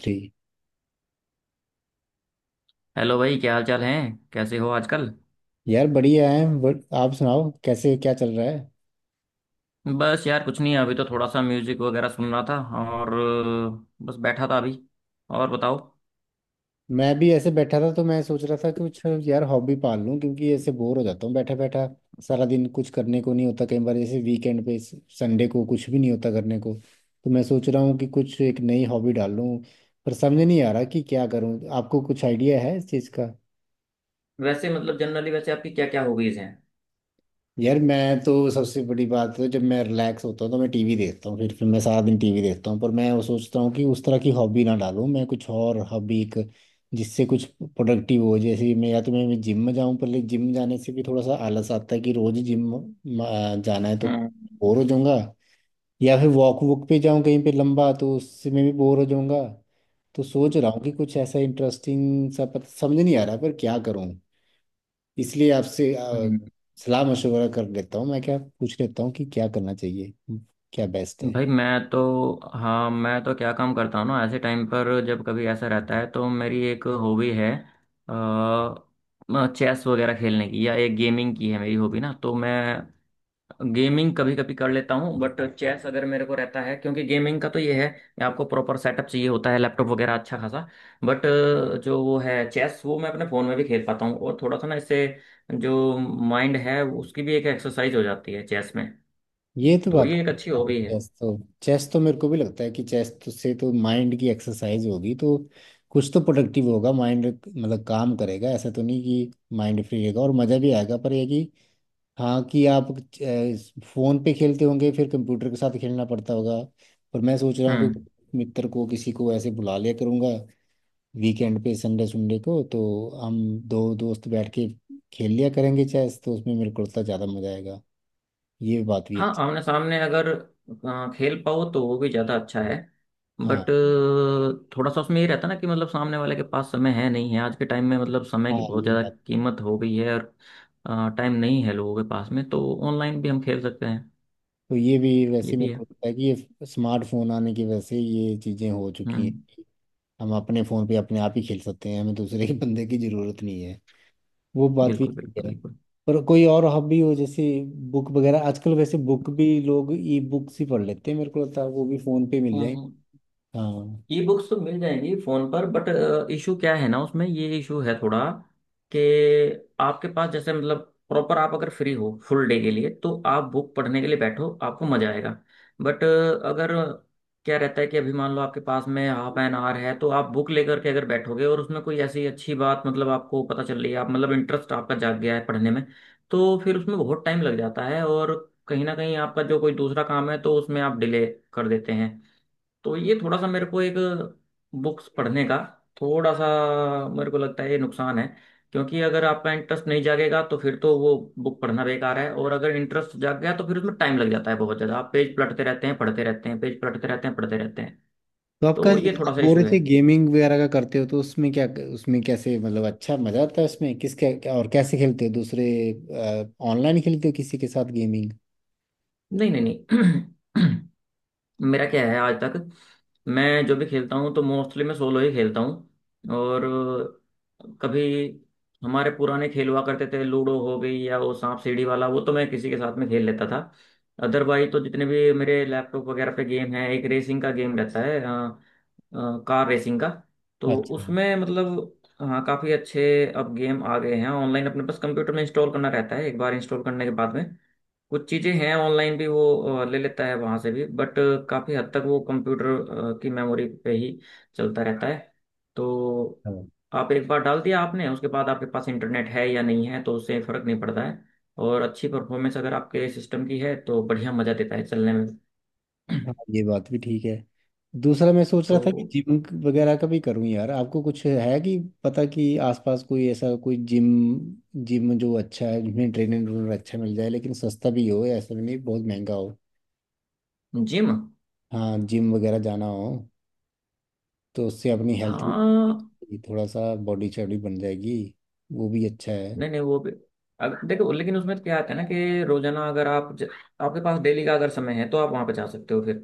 ठीक। हेलो भाई, क्या हाल चाल है। कैसे हो आजकल। यार बढ़िया है। बट आप सुनाओ कैसे क्या चल रहा है। बस यार कुछ नहीं, अभी तो थोड़ा सा म्यूजिक वगैरह सुन रहा था और बस बैठा था अभी। और बताओ। मैं भी ऐसे बैठा था तो मैं सोच रहा था कुछ। यार हॉबी पाल लूं क्योंकि ऐसे बोर हो जाता हूँ बैठा बैठा। सारा दिन कुछ करने को नहीं होता कई बार जैसे वीकेंड पे संडे को कुछ भी नहीं होता करने को। तो मैं सोच रहा हूँ कि कुछ एक नई हॉबी डाल लूं। पर समझ नहीं आ रहा कि क्या करूँ। आपको कुछ आइडिया है इस चीज़ का? वैसे मतलब जनरली वैसे आपकी क्या क्या हॉबीज हैं। यार मैं तो सबसे बड़ी बात है, जब मैं रिलैक्स होता हूँ तो मैं टीवी देखता हूँ, फिर मैं सारा दिन टीवी देखता हूँ। पर मैं वो सोचता हूँ कि उस तरह की हॉबी ना डालूँ, मैं कुछ और हॉबी एक जिससे कुछ प्रोडक्टिव हो। जैसे मैं या तो मैं जिम में जाऊँ, पर लेकिन जिम जाने से भी थोड़ा सा आलस आता है कि रोज जिम जाना है तो हम्म। बोर हो जाऊंगा। या फिर वॉक वॉक पे जाऊँ कहीं पे लंबा, तो उससे मैं भी बोर हो जाऊंगा। तो सोच रहा हूँ कि कुछ ऐसा इंटरेस्टिंग सा, पता समझ नहीं आ रहा पर क्या करूँ। इसलिए आपसे हम्म। सलाह मशवरा कर लेता हूँ। मैं क्या पूछ लेता हूँ कि क्या करना चाहिए, क्या बेस्ट है? भाई मैं तो हाँ, मैं तो क्या काम करता हूँ ना, ऐसे टाइम पर जब कभी ऐसा रहता है तो मेरी एक हॉबी है चेस वगैरह खेलने की, या एक गेमिंग की है मेरी हॉबी ना। तो मैं गेमिंग कभी कभी कर लेता हूँ, बट चेस अगर मेरे को रहता है, क्योंकि गेमिंग का तो ये है कि आपको प्रॉपर सेटअप चाहिए होता है, लैपटॉप वगैरह अच्छा खासा। बट जो वो है चेस, वो मैं अपने फ़ोन में भी खेल पाता हूँ, और थोड़ा सा ना इससे जो माइंड है उसकी भी एक एक्सरसाइज हो जाती है चेस में। ये तो तो बात ये एक अच्छी है। हॉबी है। चेस तो चेस तो मेरे को भी लगता है कि चेस तो से तो माइंड की एक्सरसाइज होगी, तो कुछ तो प्रोडक्टिव होगा, माइंड मतलब काम करेगा। ऐसा तो नहीं कि माइंड फ्री रहेगा, और मज़ा भी आएगा। पर ये कि हाँ कि आप फ़ोन पे खेलते होंगे फिर कंप्यूटर के साथ खेलना पड़ता होगा। पर मैं सोच रहा हूँ कि हम्म। मित्र को, किसी को ऐसे बुला लिया करूँगा वीकेंड पे, संडे संडे को। तो हम दो दोस्त बैठ के खेल लिया करेंगे चेस, तो उसमें मेरे को लगता है ज़्यादा मजा आएगा। ये बात भी हाँ, अच्छी। आमने सामने अगर खेल पाओ तो वो भी ज़्यादा अच्छा है। हाँ बट थोड़ा सा उसमें ये रहता ना कि मतलब सामने वाले के पास समय है नहीं है, आज के टाइम में मतलब समय हाँ, की बहुत ये ज़्यादा बात। कीमत हो गई है और टाइम नहीं है लोगों के पास में, तो ऑनलाइन भी हम खेल सकते हैं। तो ये भी ये वैसे भी मेरे को है। लगता है कि ये स्मार्टफोन आने की वजह से ये चीज़ें हो चुकी हैं। हम्म। हम अपने फ़ोन पे अपने आप ही खेल सकते हैं, हमें दूसरे के बंदे की ज़रूरत नहीं है। वो बात भी बिल्कुल ठीक बिल्कुल है। बिल्कुल। पर कोई और हॉबी हो जैसे बुक वगैरह। आजकल वैसे बुक भी लोग ई बुक्स ही पढ़ लेते हैं, मेरे को लगता है वो भी फ़ोन पे मिल हम्म। जाएंगे। हम्म। हाँ। ई बुक्स तो मिल जाएंगी फोन पर, बट इशू क्या है ना, उसमें ये इशू है थोड़ा कि आपके पास जैसे मतलब प्रॉपर आप अगर फ्री हो फुल डे के लिए तो आप बुक पढ़ने के लिए बैठो, आपको मजा आएगा। बट अगर क्या रहता है कि अभी मान लो आपके पास में हाफ एन आवर है तो आप बुक लेकर के अगर बैठोगे, और उसमें कोई ऐसी अच्छी बात, मतलब आपको पता चल रही है, आप मतलब इंटरेस्ट आपका जाग गया है पढ़ने में, तो फिर उसमें बहुत टाइम लग जाता है, और कहीं ना कहीं आपका जो कोई दूसरा काम है तो उसमें आप डिले कर देते हैं। तो ये थोड़ा सा मेरे को एक बुक्स पढ़ने का थोड़ा सा मेरे को लगता है ये नुकसान है, क्योंकि अगर आपका इंटरेस्ट नहीं जागेगा तो फिर तो वो बुक पढ़ना बेकार है, और अगर इंटरेस्ट जाग गया तो फिर उसमें टाइम लग जाता है बहुत ज़्यादा, आप पेज पलटते रहते हैं पढ़ते रहते हैं पेज पलटते रहते हैं पढ़ते रहते हैं। तो आपका, तो ये आप थोड़ा सा बोल इशू रहे है। थे गेमिंग वगैरह का करते हो, तो उसमें क्या उसमें कैसे मतलब अच्छा मजा आता है? उसमें किस क्या, क्या- और कैसे खेलते हो? दूसरे ऑनलाइन खेलते हो किसी के साथ गेमिंग? नहीं नहीं नहीं। मेरा क्या है, आज तक मैं जो भी खेलता हूँ तो मोस्टली मैं सोलो ही खेलता हूँ। और कभी हमारे पुराने खेल हुआ करते थे, लूडो हो गई या वो सांप सीढ़ी वाला, वो तो मैं किसी के साथ में खेल लेता था। अदरवाइज तो जितने भी मेरे लैपटॉप वगैरह पे गेम है एक रेसिंग का गेम रहता है, कार रेसिंग का। तो अच्छा। उसमें मतलब हाँ, काफ़ी अच्छे अब गेम आ गए हैं ऑनलाइन। अपने पास कंप्यूटर में इंस्टॉल करना रहता है, एक बार इंस्टॉल करने के बाद में। कुछ चीज़ें हैं ऑनलाइन भी, वो ले लेता है वहाँ से भी। बट काफ़ी हद तक वो कंप्यूटर की मेमोरी पे ही चलता रहता है। तो हाँ आप एक बार डाल दिया आपने, उसके बाद आपके पास इंटरनेट है या नहीं है तो उससे फ़र्क नहीं पड़ता है। और अच्छी परफॉर्मेंस अगर आपके सिस्टम की है तो बढ़िया मज़ा देता है चलने में। हाँ, ये बात भी ठीक है। दूसरा मैं सोच रहा तो। था कि जिम वगैरह का भी करूं, यार आपको कुछ है कि पता कि आसपास कोई ऐसा कोई जिम जिम जो अच्छा है, जिसमें ट्रेनर अच्छा मिल जाए, लेकिन सस्ता भी हो, ऐसा भी नहीं बहुत महंगा हो। जिम। हाँ जिम वगैरह जाना हो तो उससे अपनी हेल्थ हाँ, भी, थोड़ा सा बॉडी चौड़ी बन जाएगी। वो भी अच्छा है। नहीं नहीं, वो भी अगर देखो, लेकिन उसमें क्या आता है ना कि रोजाना अगर आप आपके पास डेली का अगर समय है तो आप वहाँ पे जा सकते हो, फिर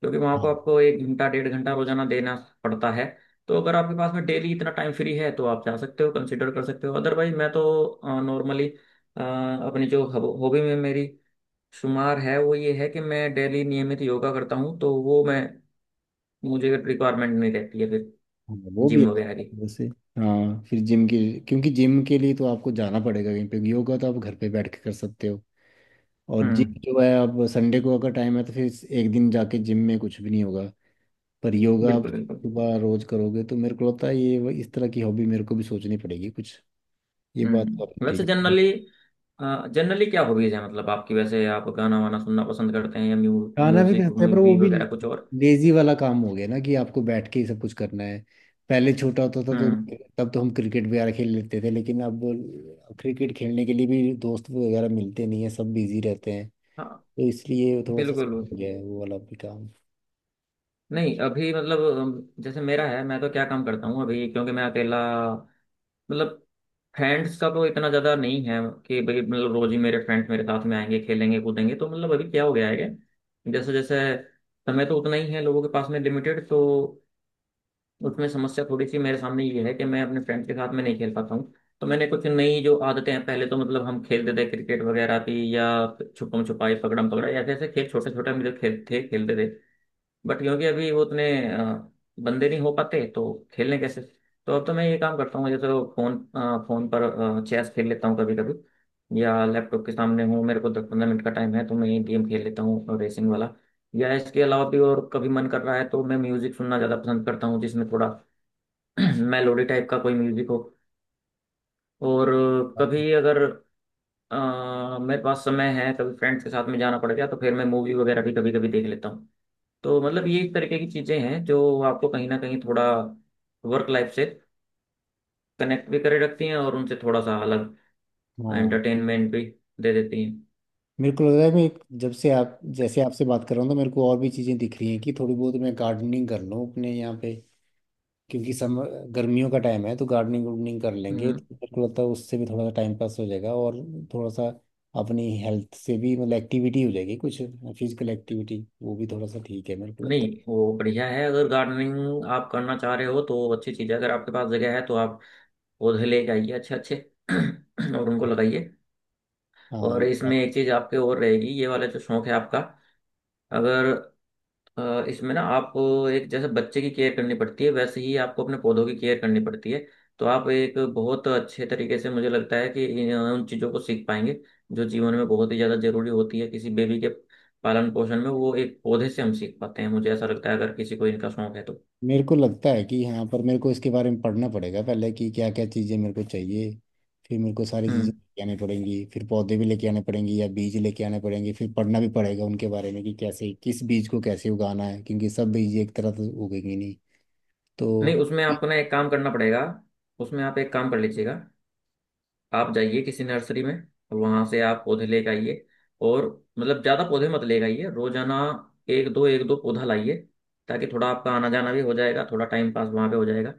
क्योंकि वहां को हाँ आपको एक घंटा डेढ़ घंटा रोजाना देना पड़ता है। तो अगर आपके पास में डेली इतना टाइम फ्री है तो आप जा सकते हो, कंसिडर कर सकते हो। अदरवाइज मैं तो नॉर्मली अपनी जो हॉबी में मेरी शुमार है वो ये है कि मैं डेली नियमित योगा करता हूँ, तो वो मैं मुझे रिक्वायरमेंट नहीं रहती है फिर हाँ, वो भी जिम वगैरह अच्छा की। है वैसे। हाँ फिर जिम के, क्योंकि जिम के लिए तो आपको जाना पड़ेगा कहीं पे, योगा तो आप घर पे बैठ के कर सकते हो। और हम्म। जिम जो है, अब संडे को अगर टाइम है तो फिर एक दिन जाके जिम में कुछ भी नहीं होगा। पर योगा आप बिल्कुल बिल्कुल। सुबह रोज करोगे तो मेरे को लगता है ये इस तरह की हॉबी मेरे को भी सोचनी पड़ेगी कुछ। ये बात तो आपने वैसे ठीक। जनरली जनरली क्या हॉबीज है मतलब आपकी, वैसे आप गाना वाना सुनना पसंद करते हैं या खाना भी म्यूजिक खाते हैं, पर वो मूवी भी वगैरह कुछ और। लेजी वाला काम हो गया ना कि आपको बैठ के ही सब कुछ करना है। पहले छोटा होता था तो हम्म। तब तो हम क्रिकेट वगैरह खेल लेते थे, लेकिन अब क्रिकेट खेलने के लिए भी दोस्त वगैरह मिलते नहीं है, सब बिजी रहते हैं। हाँ, तो इसलिए थोड़ा सा बिल्कुल। हो गया है वो वाला भी काम। नहीं अभी मतलब जैसे मेरा है, मैं तो क्या काम करता हूँ अभी क्योंकि मैं अकेला, मतलब फ्रेंड्स का तो इतना ज़्यादा नहीं है कि भाई मतलब रोज ही मेरे फ्रेंड्स मेरे साथ में आएंगे खेलेंगे कूदेंगे। तो मतलब अभी क्या हो गया है कि जैसे जैसे, समय तो उतना ही है लोगों के पास में लिमिटेड, तो उसमें समस्या थोड़ी सी मेरे सामने ये है कि मैं अपने फ्रेंड्स के साथ में नहीं खेल पाता हूँ। तो मैंने कुछ नई जो आदतें हैं, पहले तो मतलब हम खेलते थे क्रिकेट वगैरह थी, या छुपम छुपाई पकड़म पकड़ाई ऐसे ऐसे खेल छोटे छोटे हम जो खेल थे खेलते थे। बट क्योंकि अभी वो उतने अ, बंदे नहीं हो पाते तो खेलने कैसे। तो अब तो मैं ये काम करता हूँ, जैसे फोन फोन पर चेस खेल लेता हूँ कभी कभी, या लैपटॉप के सामने हूँ मेरे को दस पंद्रह मिनट का टाइम है तो मैं ये गेम खेल लेता हूँ रेसिंग वाला, या इसके अलावा भी। और कभी मन कर रहा है तो मैं म्यूजिक सुनना ज़्यादा पसंद करता हूँ जिसमें थोड़ा मेलोडी टाइप का कोई म्यूजिक हो। और कभी अगर मेरे पास समय है, कभी फ्रेंड्स के साथ में जाना पड़ गया तो फिर मैं मूवी वगैरह भी कभी कभी देख लेता हूँ। तो मतलब ये एक तरीके की चीजें हैं जो आपको कहीं ना कहीं थोड़ा वर्क लाइफ से कनेक्ट भी करे रखती हैं, और उनसे थोड़ा सा अलग हाँ। एंटरटेनमेंट भी दे देती हैं। मेरे को लग रहा है, मैं एक-, जब से आप जैसे आपसे बात कर रहा हूँ तो मेरे को और भी चीज़ें दिख रही हैं कि थोड़ी बहुत मैं गार्डनिंग कर लूँ अपने यहाँ पे, क्योंकि सम, गर्मियों का टाइम है तो गार्डनिंग वार्डनिंग कर लेंगे हम्म, तो मेरे को लगता है उससे भी थोड़ा सा टाइम पास हो जाएगा और थोड़ा सा अपनी हेल्थ से भी मतलब एक्टिविटी हो जाएगी कुछ, फिजिकल एक्टिविटी, वो भी थोड़ा सा ठीक है मेरे को लगता नहीं वो बढ़िया है, अगर गार्डनिंग आप करना चाह रहे हो तो अच्छी चीज़ है। अगर आपके पास जगह है तो आप पौधे लेके आइए अच्छे अच्छे, और उनको लगाइए। है। हाँ और ये इसमें बात-। एक चीज़ आपके और रहेगी, ये वाला जो शौक है आपका, अगर इसमें ना, आप एक जैसे बच्चे की केयर करनी पड़ती है वैसे ही आपको अपने पौधों की केयर करनी पड़ती है। तो आप एक बहुत अच्छे तरीके से, मुझे लगता है कि उन चीज़ों को सीख पाएंगे जो जीवन में बहुत ही ज़्यादा जरूरी होती है। किसी बेबी के पालन पोषण में, वो एक पौधे से हम सीख पाते हैं मुझे ऐसा लगता है, अगर किसी को इनका शौक है तो। मेरे को लगता है कि हाँ, पर मेरे को इसके बारे में पढ़ना पड़ेगा पहले कि क्या क्या चीज़ें मेरे को चाहिए। फिर मेरे को सारी चीज़ें हम्म लेके आनी पड़ेंगी, फिर पौधे भी लेके आने पड़ेंगे या बीज लेके आने पड़ेंगे, फिर पढ़ना भी पड़ेगा उनके बारे में कि कैसे, किस बीज को कैसे उगाना है, क्योंकि सब बीज एक तरह से उगेंगे नहीं। नहीं तो उसमें आपको ना एक काम करना पड़ेगा। उसमें आप एक काम कर लीजिएगा, आप जाइए किसी नर्सरी में, और वहां से आप पौधे लेके आइए। और मतलब ज्यादा पौधे मत लेके आइए रोजाना, एक दो पौधा लाइए, ताकि थोड़ा आपका आना जाना भी हो जाएगा, थोड़ा टाइम पास वहां पे हो जाएगा।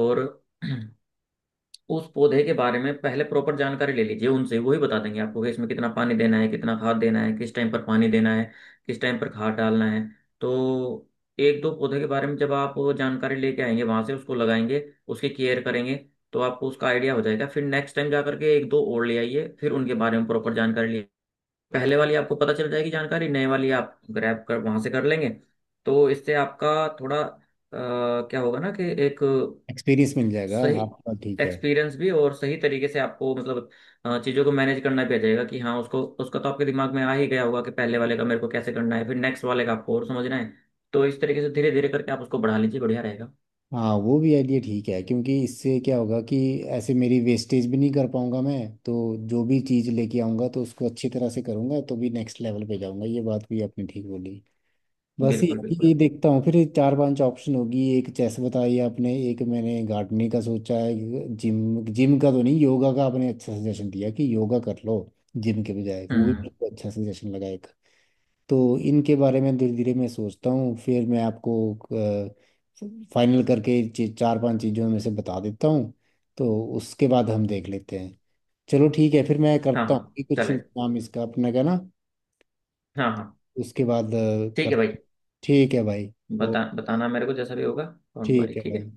और उस पौधे के बारे में पहले प्रॉपर जानकारी ले लीजिए, उनसे वही बता देंगे आपको कि इसमें कितना पानी देना है, कितना खाद देना है, किस टाइम पर पानी देना है, किस टाइम पर खाद डालना है। तो एक दो पौधे के बारे में जब आप जानकारी लेके आएंगे वहां से, उसको लगाएंगे, उसकी केयर करेंगे, तो आपको उसका आइडिया हो जाएगा। फिर नेक्स्ट टाइम जा करके एक दो और ले आइए, फिर उनके बारे में प्रॉपर जानकारी लिए, पहले वाली आपको पता चल जाएगी जानकारी, नए वाली आप ग्रैब कर वहां से कर लेंगे। तो इससे आपका थोड़ा क्या होगा ना कि एक एक्सपीरियंस मिल जाएगा सही आपका, ठीक है। एक्सपीरियंस भी, और सही तरीके से आपको मतलब चीज़ों को मैनेज करना भी आ जाएगा, कि हाँ उसको उसका तो आपके दिमाग में आ ही गया होगा कि पहले वाले का मेरे को कैसे करना है, फिर नेक्स्ट वाले का आपको और समझना है। तो इस तरीके से धीरे धीरे करके आप उसको बढ़ा लीजिए, बढ़िया रहेगा। हाँ वो भी आइडिया ठीक है, क्योंकि इससे क्या होगा कि ऐसे मेरी वेस्टेज भी नहीं कर पाऊंगा मैं। तो जो भी चीज़ लेके आऊंगा तो उसको अच्छी तरह से करूंगा तो भी नेक्स्ट लेवल पे जाऊंगा। ये बात भी आपने ठीक बोली। बस ये बिल्कुल है कि बिल्कुल ये बिल्कुल। देखता हूँ, फिर ये चार पांच ऑप्शन होगी। एक चेस बताई आपने, एक मैंने गार्डनिंग का सोचा है। जिम जिम का तो नहीं, योगा का आपने अच्छा सजेशन दिया कि योगा कर लो जिम के बजाय, वो भी हम्म। मेरे को अच्छा सजेशन लगा। तो इनके बारे में धीरे धीरे मैं सोचता हूँ, फिर मैं आपको फाइनल करके चार पांच चीज़ों में से बता देता हूँ। तो उसके बाद हम देख लेते हैं। चलो ठीक है, फिर मैं हाँ करता हूँ हाँ, कि कुछ चलेगा। काम इसका अपने का ना। हाँ हाँ। उसके बाद ठीक है कर। भाई। ठीक है भाई। ओ, बताना मेरे को जैसा भी होगा। Don't worry. ठीक है ठीक भाई। है।